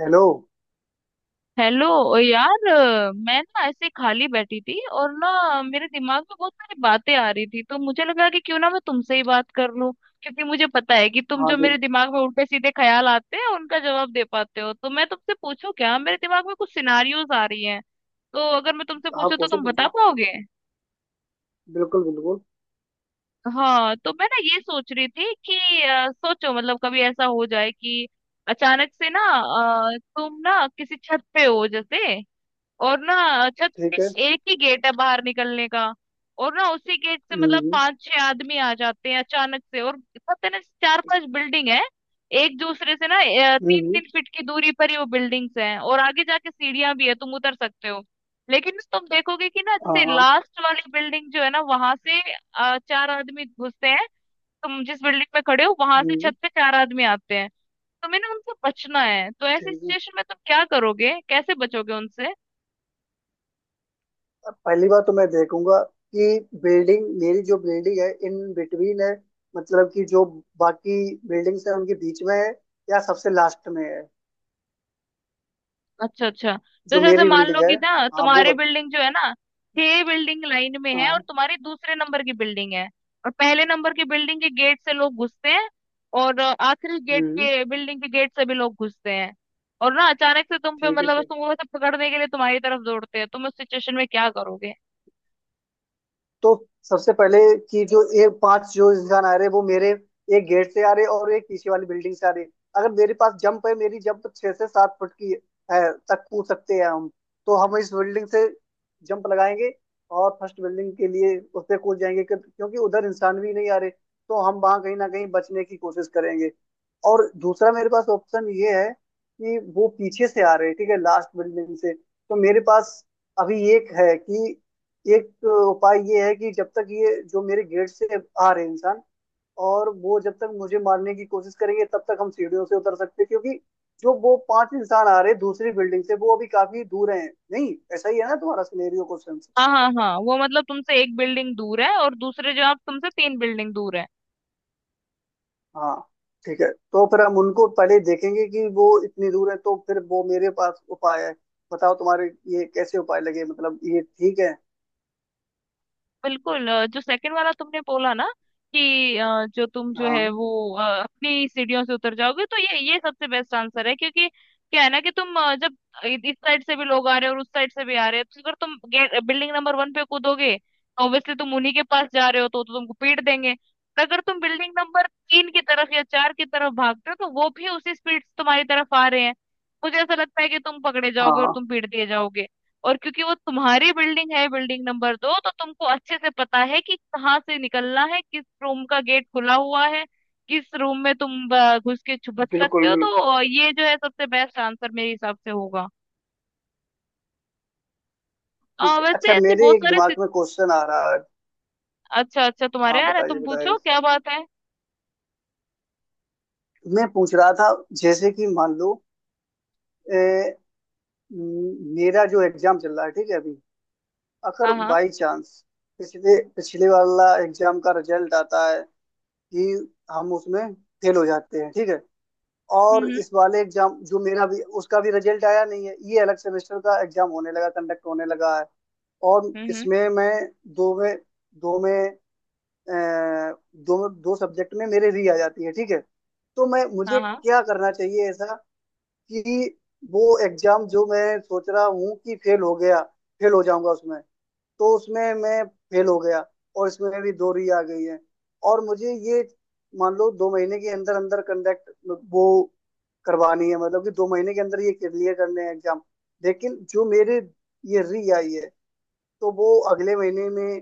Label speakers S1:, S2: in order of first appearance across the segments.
S1: Hello.
S2: Hello यार मैं ना ऐसे खाली बैठी थी और ना मेरे दिमाग में बहुत सारी बातें आ रही थी। तो मुझे लगा कि क्यों ना मैं तुमसे ही बात कर लूं क्योंकि मुझे पता है कि तुम
S1: हाँ
S2: जो
S1: जी।
S2: मेरे दिमाग में उल्टे सीधे ख्याल आते हैं उनका जवाब दे पाते हो। तो मैं तुमसे पूछूं क्या? मेरे दिमाग में कुछ सिनारियोज आ रही हैं। तो अगर मैं तुमसे
S1: हाँ,
S2: पूछूं तो
S1: पूछो
S2: तुम बता
S1: पूछो।
S2: पाओगे?
S1: बिल्कुल बिल्कुल।
S2: हाँ, तो मैं ना ये सोच रही थी कि सोचो मतलब कभी ऐसा हो जाए कि अचानक से ना, तुम ना किसी छत पे हो जैसे। और ना छत पे
S1: ठीक है।
S2: एक ही गेट है बाहर निकलने का। और ना उसी गेट से मतलब
S1: हम्म।
S2: पांच छह आदमी आ जाते हैं अचानक से। और छत है ना, चार पांच बिल्डिंग है एक दूसरे से ना
S1: हम्म
S2: तीन
S1: हम्म,
S2: तीन फीट की दूरी पर ही वो बिल्डिंग्स हैं। और आगे जाके सीढ़ियां भी है, तुम उतर सकते हो। लेकिन ना तुम देखोगे कि ना,
S1: हाँ
S2: जैसे
S1: हाँ।
S2: लास्ट वाली बिल्डिंग जो है ना वहां से चार आदमी घुसते हैं। तुम जिस बिल्डिंग में खड़े हो वहां से
S1: हम्म।
S2: छत पे चार आदमी आते हैं। तुम्हें ना उनसे बचना है, तो ऐसी
S1: ठीक है,
S2: सिचुएशन में तुम क्या करोगे? कैसे बचोगे उनसे?
S1: अब पहली बार तो मैं देखूंगा कि बिल्डिंग मेरी जो बिल्डिंग है इन बिटवीन है, मतलब कि जो बाकी बिल्डिंग्स है उनके बीच में है या सबसे लास्ट में है
S2: अच्छा अच्छा। जैसे
S1: जो
S2: जैसे
S1: मेरी
S2: मान
S1: बिल्डिंग
S2: लो
S1: है।
S2: कि ना
S1: हाँ वो
S2: तुम्हारी
S1: बत।
S2: बिल्डिंग जो है ना, छह बिल्डिंग लाइन में है और
S1: हाँ।
S2: तुम्हारी दूसरे नंबर की बिल्डिंग है। और पहले नंबर की बिल्डिंग के गेट से लोग घुसते हैं। और आखिरी गेट
S1: हम्म।
S2: के बिल्डिंग के गेट से भी लोग घुसते हैं। और ना अचानक से तुम पे
S1: ठीक है,
S2: मतलब
S1: ठीक।
S2: तुमको वैसे पकड़ने के लिए तुम्हारी तरफ दौड़ते हैं, तुम उस सिचुएशन में क्या करोगे?
S1: तो सबसे पहले कि जो ये पांच जो इंसान आ रहे वो मेरे एक गेट से आ रहे और एक पीछे वाली बिल्डिंग से आ रहे। अगर मेरे पास जंप है, मेरी जंप छह से सात फुट की है, तक कूद सकते हैं हम। तो हम इस बिल्डिंग से जंप लगाएंगे और फर्स्ट बिल्डिंग के लिए उस पे कूद जाएंगे क्योंकि उधर इंसान भी नहीं आ रहे, तो हम वहां कहीं ना कहीं बचने की कोशिश करेंगे। और दूसरा मेरे पास ऑप्शन ये है कि वो पीछे से आ रहे हैं, ठीक है, लास्ट बिल्डिंग से, तो मेरे पास अभी एक है कि एक उपाय ये है कि जब तक ये जो मेरे गेट से आ रहे हैं इंसान, और वो जब तक मुझे मारने की कोशिश करेंगे तब तक हम सीढ़ियों से उतर सकते हैं, क्योंकि जो वो पांच इंसान आ रहे हैं दूसरी बिल्डिंग से वो अभी काफी दूर हैं। नहीं, ऐसा ही है ना तुम्हारा सिनेरियो क्वेश्चन?
S2: हाँ हाँ हाँ, वो मतलब तुमसे एक बिल्डिंग दूर है और दूसरे जो आप तुमसे तीन बिल्डिंग दूर है।
S1: हाँ, ठीक है, तो फिर हम उनको पहले देखेंगे कि वो इतनी दूर है तो फिर वो मेरे पास उपाय है। बताओ तुम्हारे, ये कैसे उपाय लगे, मतलब ये ठीक है?
S2: बिल्कुल, जो सेकंड वाला तुमने बोला ना, कि जो तुम जो
S1: हाँ
S2: है वो अपनी सीढ़ियों से उतर जाओगे, तो ये सबसे बेस्ट आंसर है। क्योंकि क्या है ना कि तुम जब इस साइड से भी लोग आ रहे हैं और उस साइड से भी आ रहे हैं, तो अगर तुम बिल्डिंग नंबर वन पे कूदोगे तो ऑब्वियसली तुम उन्हीं के पास जा रहे हो, तो तुमको पीट देंगे। और अगर तुम बिल्डिंग नंबर तीन की तरफ या चार की तरफ भागते हो, तो वो भी उसी स्पीड से तुम्हारी तरफ आ रहे हैं। मुझे ऐसा लगता है कि तुम पकड़े
S1: हाँ
S2: जाओगे और
S1: हाँ,
S2: तुम पीट दिए जाओगे। और क्योंकि वो तुम्हारी बिल्डिंग है, बिल्डिंग नंबर दो, तो तुमको अच्छे से पता है कि कहाँ से निकलना है, किस रूम का गेट खुला हुआ है, किस रूम में तुम घुस के छुप बच सकते
S1: बिल्कुल
S2: हो।
S1: बिल्कुल।
S2: तो ये जो है सबसे बेस्ट आंसर मेरे हिसाब से होगा।
S1: ठीक है।
S2: वैसे
S1: अच्छा,
S2: ऐसे
S1: मेरे
S2: बहुत
S1: एक
S2: सारे
S1: दिमाग में क्वेश्चन आ रहा है।
S2: अच्छा अच्छा, तुम्हारे
S1: हाँ,
S2: यार है,
S1: बताइए
S2: तुम
S1: बताइए
S2: पूछो क्या बात है।
S1: मैं पूछ रहा था, जैसे कि मान लो, अ, मेरा जो एग्जाम चल रहा है, ठीक है, अभी अगर
S2: हाँ हाँ।
S1: बाई चांस पिछले पिछले वाला एग्जाम का रिजल्ट आता है कि हम उसमें फेल हो जाते हैं, ठीक है, और
S2: हम्म।
S1: इस वाले एग्जाम जो मेरा भी उसका भी रिजल्ट आया नहीं है, ये अलग सेमेस्टर का एग्जाम होने लगा, कंडक्ट होने लगा है। और
S2: हम्म।
S1: इसमें मैं दो में दो में अ, दो दो सब्जेक्ट में मेरे री आ जाती है, ठीक है। तो मैं
S2: हाँ
S1: मुझे
S2: हाँ।
S1: क्या करना चाहिए ऐसा कि वो एग्जाम जो मैं सोच रहा हूँ कि फेल हो गया, फेल हो जाऊंगा उसमें, तो उसमें मैं फेल हो गया और इसमें भी दो री आ गई है। और मुझे ये, मान लो, दो महीने के अंदर अंदर कंडक्ट वो करवानी है, मतलब कि दो महीने के अंदर ये क्लियर करने हैं एग्जाम। लेकिन जो मेरे ये री आई है तो वो अगले महीने में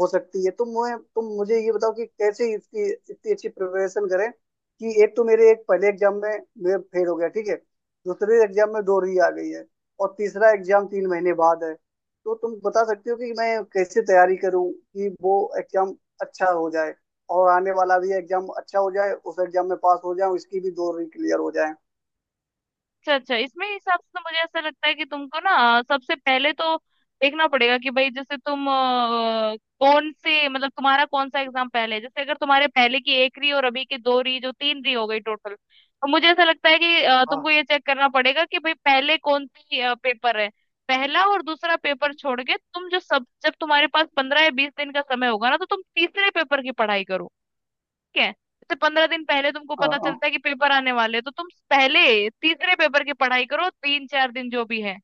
S1: हो सकती है। तो मैं तुम मुझे ये बताओ कि कैसे इसकी इतनी अच्छी प्रिपरेशन करें कि एक तो मेरे एक पहले एग्जाम में मैं फेल हो गया, ठीक है, दूसरे एग्जाम में दो री आ गई है, और तीसरा एग्जाम तीन महीने बाद है। तो तुम बता सकते हो कि मैं कैसे तैयारी करूं कि वो एग्जाम अच्छा हो जाए और आने वाला भी एग्जाम अच्छा हो जाए, उस एग्जाम में पास हो जाऊं, इसकी भी दो री क्लियर हो जाए?
S2: अच्छा अच्छा, इसमें हिसाब से तो मुझे ऐसा लगता है कि तुमको ना सबसे पहले तो देखना पड़ेगा कि भाई, जैसे तुम कौन से मतलब तुम्हारा कौन सा एग्जाम पहले है। जैसे अगर तुम्हारे पहले की एक री और अभी के दो री जो तीन री हो गई टोटल, तो मुझे ऐसा लगता है कि
S1: हाँ
S2: तुमको ये चेक करना पड़ेगा कि भाई पहले कौन सी पेपर है। पहला और दूसरा पेपर छोड़ के तुम जो सब जब तुम्हारे पास 15 या 20 दिन का समय होगा ना, तो तुम तीसरे पेपर की पढ़ाई करो। ठीक है, तो 15 दिन पहले तुमको
S1: हाँ
S2: पता
S1: हाँ,
S2: चलता है कि पेपर आने वाले हैं, तो तुम पहले तीसरे पेपर की पढ़ाई करो तीन चार दिन जो भी है।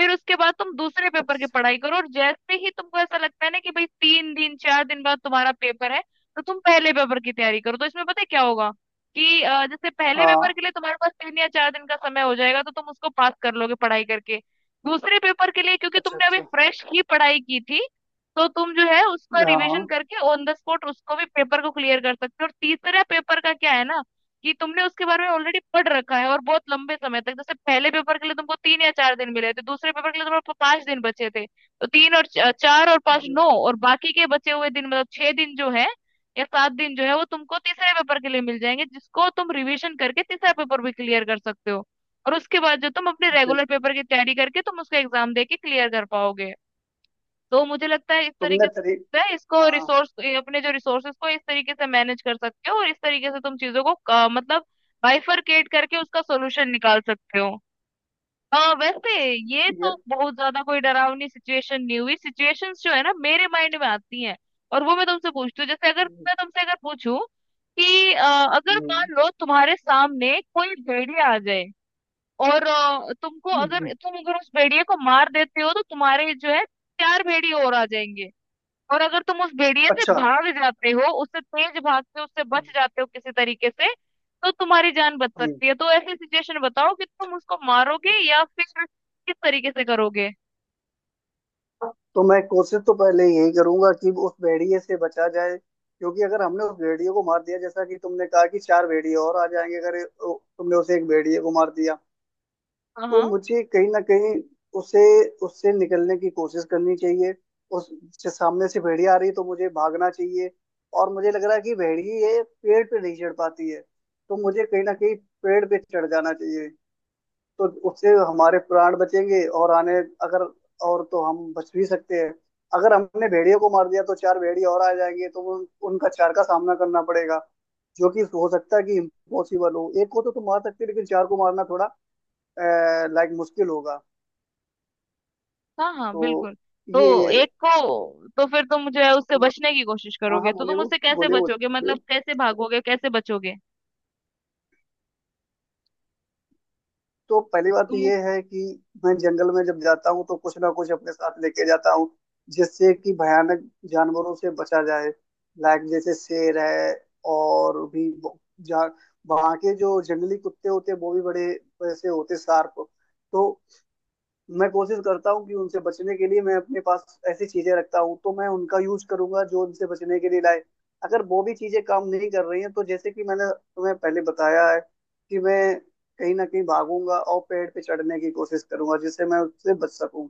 S2: फिर उसके बाद तुम दूसरे पेपर की
S1: अच्छा।
S2: पढ़ाई करो। और जैसे ही तुमको ऐसा लगता है ना कि भाई तीन दिन चार दिन बाद तुम्हारा पेपर है, तो तुम पहले पेपर की तैयारी करो। तो इसमें पता है क्या होगा, कि जैसे पहले पेपर
S1: हाँ।
S2: के लिए तुम्हारे पास तीन या चार दिन का समय हो जाएगा, तो तुम उसको पास कर लोगे पढ़ाई करके। दूसरे पेपर के लिए क्योंकि
S1: अच्छा
S2: तुमने अभी
S1: अच्छा।
S2: फ्रेश ही पढ़ाई की थी, तो तुम जो है उसका रिवीजन
S1: हाँ।
S2: करके ऑन द स्पॉट उसको भी पेपर को क्लियर कर सकते हो। और तीसरा पेपर का क्या है ना, कि तुमने उसके बारे में ऑलरेडी पढ़ रखा है। और बहुत लंबे समय तक जैसे पहले पेपर के लिए तुमको तीन या चार दिन मिले थे, दूसरे पेपर के लिए तुमको पांच दिन बचे थे, तो तीन और चार और पांच
S1: बिल-
S2: नौ, और बाकी के बचे हुए दिन मतलब छह दिन जो है या सात दिन जो है वो तुमको तीसरे पेपर के लिए मिल जाएंगे, जिसको तुम रिवीजन करके तीसरा पेपर भी क्लियर कर सकते हो। और उसके बाद जो तुम अपने रेगुलर
S1: बिल्कुल।
S2: पेपर की तैयारी करके तुम उसका एग्जाम दे के क्लियर कर पाओगे। तो मुझे लगता है इस
S1: तुमने
S2: तरीके
S1: तेरी।
S2: से है, इसको
S1: हाँ।
S2: रिसोर्स अपने जो रिसोर्सेस को इस तरीके से मैनेज कर सकते हो। और इस तरीके से तुम चीजों को मतलब बाइफरकेट करके उसका सोल्यूशन निकाल सकते हो। हाँ वैसे, ये
S1: ये।
S2: तो बहुत ज्यादा कोई डरावनी सिचुएशन नहीं हुई। सिचुएशंस जो है ना मेरे माइंड में आती हैं, और वो मैं तुमसे पूछती हूँ। जैसे अगर
S1: हम्म,
S2: मैं तुमसे अगर पूछूं कि अगर मान लो तुम्हारे सामने कोई भेड़िया आ जाए, और तुमको
S1: हम्म,
S2: अगर तुम अगर उस भेड़िए को मार देते हो तो तुम्हारे जो है चार भेड़िए और आ जाएंगे। और अगर तुम उस भेड़िए से
S1: अच्छा।
S2: भाग जाते हो, उससे तेज भागते हो, उससे बच जाते हो किसी तरीके से, तो तुम्हारी जान बच
S1: हम्म।
S2: सकती है। तो ऐसी सिचुएशन बताओ कि तुम उसको मारोगे या फिर किस तरीके से करोगे?
S1: तो मैं कोशिश तो पहले यही करूंगा कि उस भेड़िए से बचा जाए, क्योंकि अगर हमने उस भेड़िए को मार दिया जैसा कि तुमने कहा कि चार भेड़िए और आ जाएंगे, अगर ओ, तुमने उसे एक भेड़िए को मार दिया,
S2: हाँ
S1: तो
S2: हाँ।
S1: मुझे कहीं ना कहीं उसे उससे निकलने की कोशिश करनी चाहिए। उस जिस सामने से भेड़िया आ रही है तो मुझे भागना चाहिए। और मुझे लग रहा है कि भेड़िए पेड़ पे नहीं चढ़ पाती है, तो मुझे कहीं ना कहीं पेड़ पे चढ़ जाना चाहिए। तो उससे हमारे प्राण बचेंगे और आने, अगर, और तो हम बच भी सकते हैं। अगर हमने भेड़ियों को मार दिया तो चार भेड़िए और आ जाएंगे, तो उन, उनका चार का सामना करना पड़ेगा, जो कि हो सकता है कि इम्पॉसिबल हो। एक को तो तुम मार सकते हो लेकिन चार को मारना थोड़ा लाइक मुश्किल होगा।
S2: हाँ हाँ
S1: तो
S2: बिल्कुल। तो
S1: ये,
S2: एक को तो फिर तुम जो है उससे बचने की कोशिश
S1: हाँ
S2: करोगे,
S1: हाँ,
S2: तो
S1: बोले
S2: तुम
S1: वो
S2: उससे कैसे
S1: बोले
S2: बचोगे?
S1: बोले
S2: मतलब कैसे भागोगे, कैसे बचोगे?
S1: तो पहली बात तो
S2: तुम
S1: ये है कि मैं जंगल में जब जाता हूँ तो कुछ ना कुछ अपने साथ लेके जाता हूँ जिससे कि भयानक जानवरों से बचा जाए। लाइक जैसे शेर है और भी जा वहाँ के जो जंगली कुत्ते होते हैं वो भी बड़े वैसे होते शार्प। तो मैं कोशिश करता हूँ कि उनसे बचने के लिए मैं अपने पास ऐसी चीजें रखता हूँ, तो मैं उनका यूज करूंगा जो उनसे बचने के लिए लाए। अगर वो भी चीजें काम नहीं कर रही हैं तो जैसे कि मैंने तुम्हें पहले बताया है कि मैं कहीं ना कहीं भागूंगा और पेड़ पे चढ़ने की कोशिश करूंगा जिससे मैं उससे बच सकूं।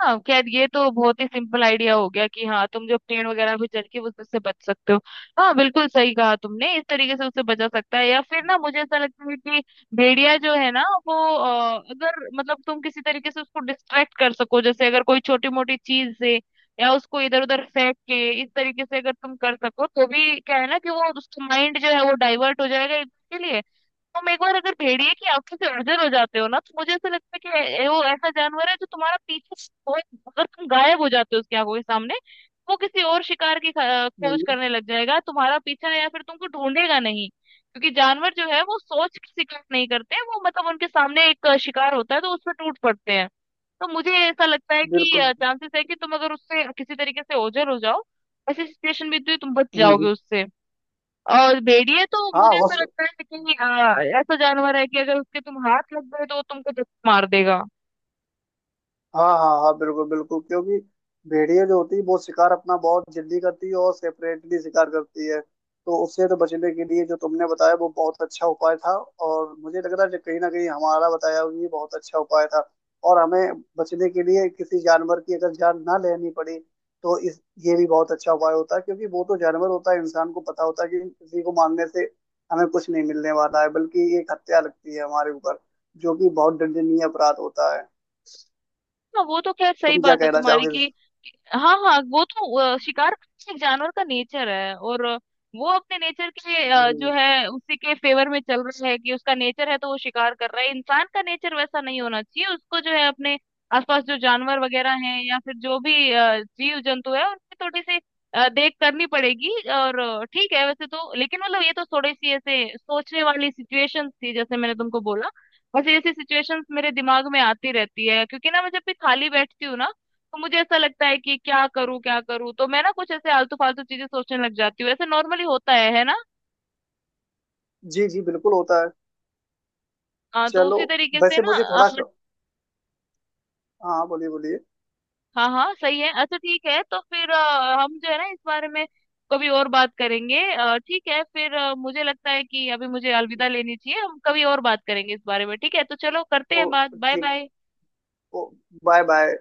S2: हाँ, खैर ये तो बहुत ही सिंपल आइडिया हो गया कि हाँ तुम जो पेड़ वगैरह भी चढ़ के उससे बच सकते हो। हाँ बिल्कुल, सही कहा तुमने, इस तरीके से उससे बचा सकता है। या फिर ना मुझे ऐसा लगता है कि भेड़िया जो है ना वो अगर मतलब तुम किसी तरीके से उसको डिस्ट्रैक्ट कर सको, जैसे अगर कोई छोटी मोटी चीज से या उसको इधर उधर फेंक के इस तरीके से अगर तुम कर सको, तो भी क्या है ना कि वो उसका माइंड जो है वो डाइवर्ट हो जाएगा इसके लिए। तुम एक बार अगर भेड़िए की आंखों से ओझल हो जाते हो ना, तो मुझे ऐसा लगता है कि वो ऐसा जानवर है जो तुम्हारा पीछे हो- अगर तुम गायब हो जाते हो उसकी आंखों के सामने, वो किसी और शिकार की खोज
S1: हम्म,
S2: करने लग जाएगा। तुम्हारा पीछा या फिर तुमको ढूंढेगा नहीं, क्योंकि जानवर जो है वो सोच के शिकार नहीं करते हैं, वो मतलब उनके सामने एक शिकार होता है तो उसमें टूट पड़ते हैं। तो मुझे ऐसा लगता है कि
S1: बिल्कुल।
S2: चांसेस है कि तुम अगर उससे किसी तरीके से ओझल हो जाओ, ऐसी सिचुएशन भी तो तुम बच जाओगे
S1: हम्म।
S2: उससे। और भेड़िए तो
S1: हाँ,
S2: मुझे ऐसा लगता है कि ऐसा जानवर है कि अगर उसके तुम हाथ लग गए, तो वो तुमको जब मार देगा।
S1: हाँ हाँ हाँ, बिल्कुल बिल्कुल। क्योंकि भेड़िया जो होती है वो शिकार अपना बहुत जल्दी करती है और सेपरेटली शिकार करती है, तो उससे तो बचने के लिए जो तुमने बताया वो बहुत अच्छा उपाय था। और मुझे लग रहा है कि कहीं ना कहीं हमारा बताया हुआ ये बहुत अच्छा उपाय था। और हमें बचने के लिए किसी जानवर की अगर जान ना लेनी पड़ी तो इस ये भी बहुत अच्छा उपाय होता है, क्योंकि वो तो जानवर होता है, इंसान को पता होता है कि किसी को मारने से हमें कुछ नहीं मिलने वाला है, बल्कि ये एक हत्या लगती है हमारे ऊपर, जो कि बहुत दंडनीय अपराध होता है।
S2: हाँ, वो तो खैर सही
S1: तुम क्या
S2: बात है
S1: कहना
S2: तुम्हारी
S1: चाहोगे?
S2: कि हाँ हाँ, वो तो शिकार करना एक जानवर का नेचर है। और वो अपने नेचर के
S1: हम्म,
S2: जो है उसी के फेवर में चल रहा है, कि उसका नेचर है तो वो शिकार कर रहा है। इंसान का नेचर वैसा नहीं होना चाहिए, उसको जो है अपने आसपास जो जानवर वगैरह हैं या फिर जो भी जीव जंतु है उनकी थोड़ी सी देख करनी पड़ेगी। और ठीक है वैसे तो, लेकिन मतलब ये तो थोड़ी सी ऐसे सोचने वाली सिचुएशन थी जैसे मैंने तुमको बोला। वैसे ऐसी सिचुएशंस मेरे दिमाग में आती रहती है, क्योंकि ना मैं जब भी खाली बैठती हूँ ना, तो मुझे ऐसा लगता है कि क्या करूं क्या करूं, तो मैं ना कुछ ऐसे आलतू फालतू चीजें सोचने लग जाती हूँ। ऐसे नॉर्मली होता है ना।
S1: जी जी, बिल्कुल होता है।
S2: तो
S1: चलो,
S2: उसी तरीके से
S1: वैसे
S2: ना
S1: मुझे थोड़ा, हाँ, बोलिए बोलिए
S2: हाँ हाँ सही है। अच्छा ठीक है, तो फिर हम जो है ना इस बारे में कभी और बात करेंगे। ठीक है फिर, मुझे लगता है कि अभी मुझे अलविदा लेनी चाहिए। हम कभी और बात करेंगे इस बारे में, ठीक है? तो चलो, करते
S1: ओ,
S2: हैं बात। बाय
S1: ठीक।
S2: बाय।
S1: ओ, बाय बाय।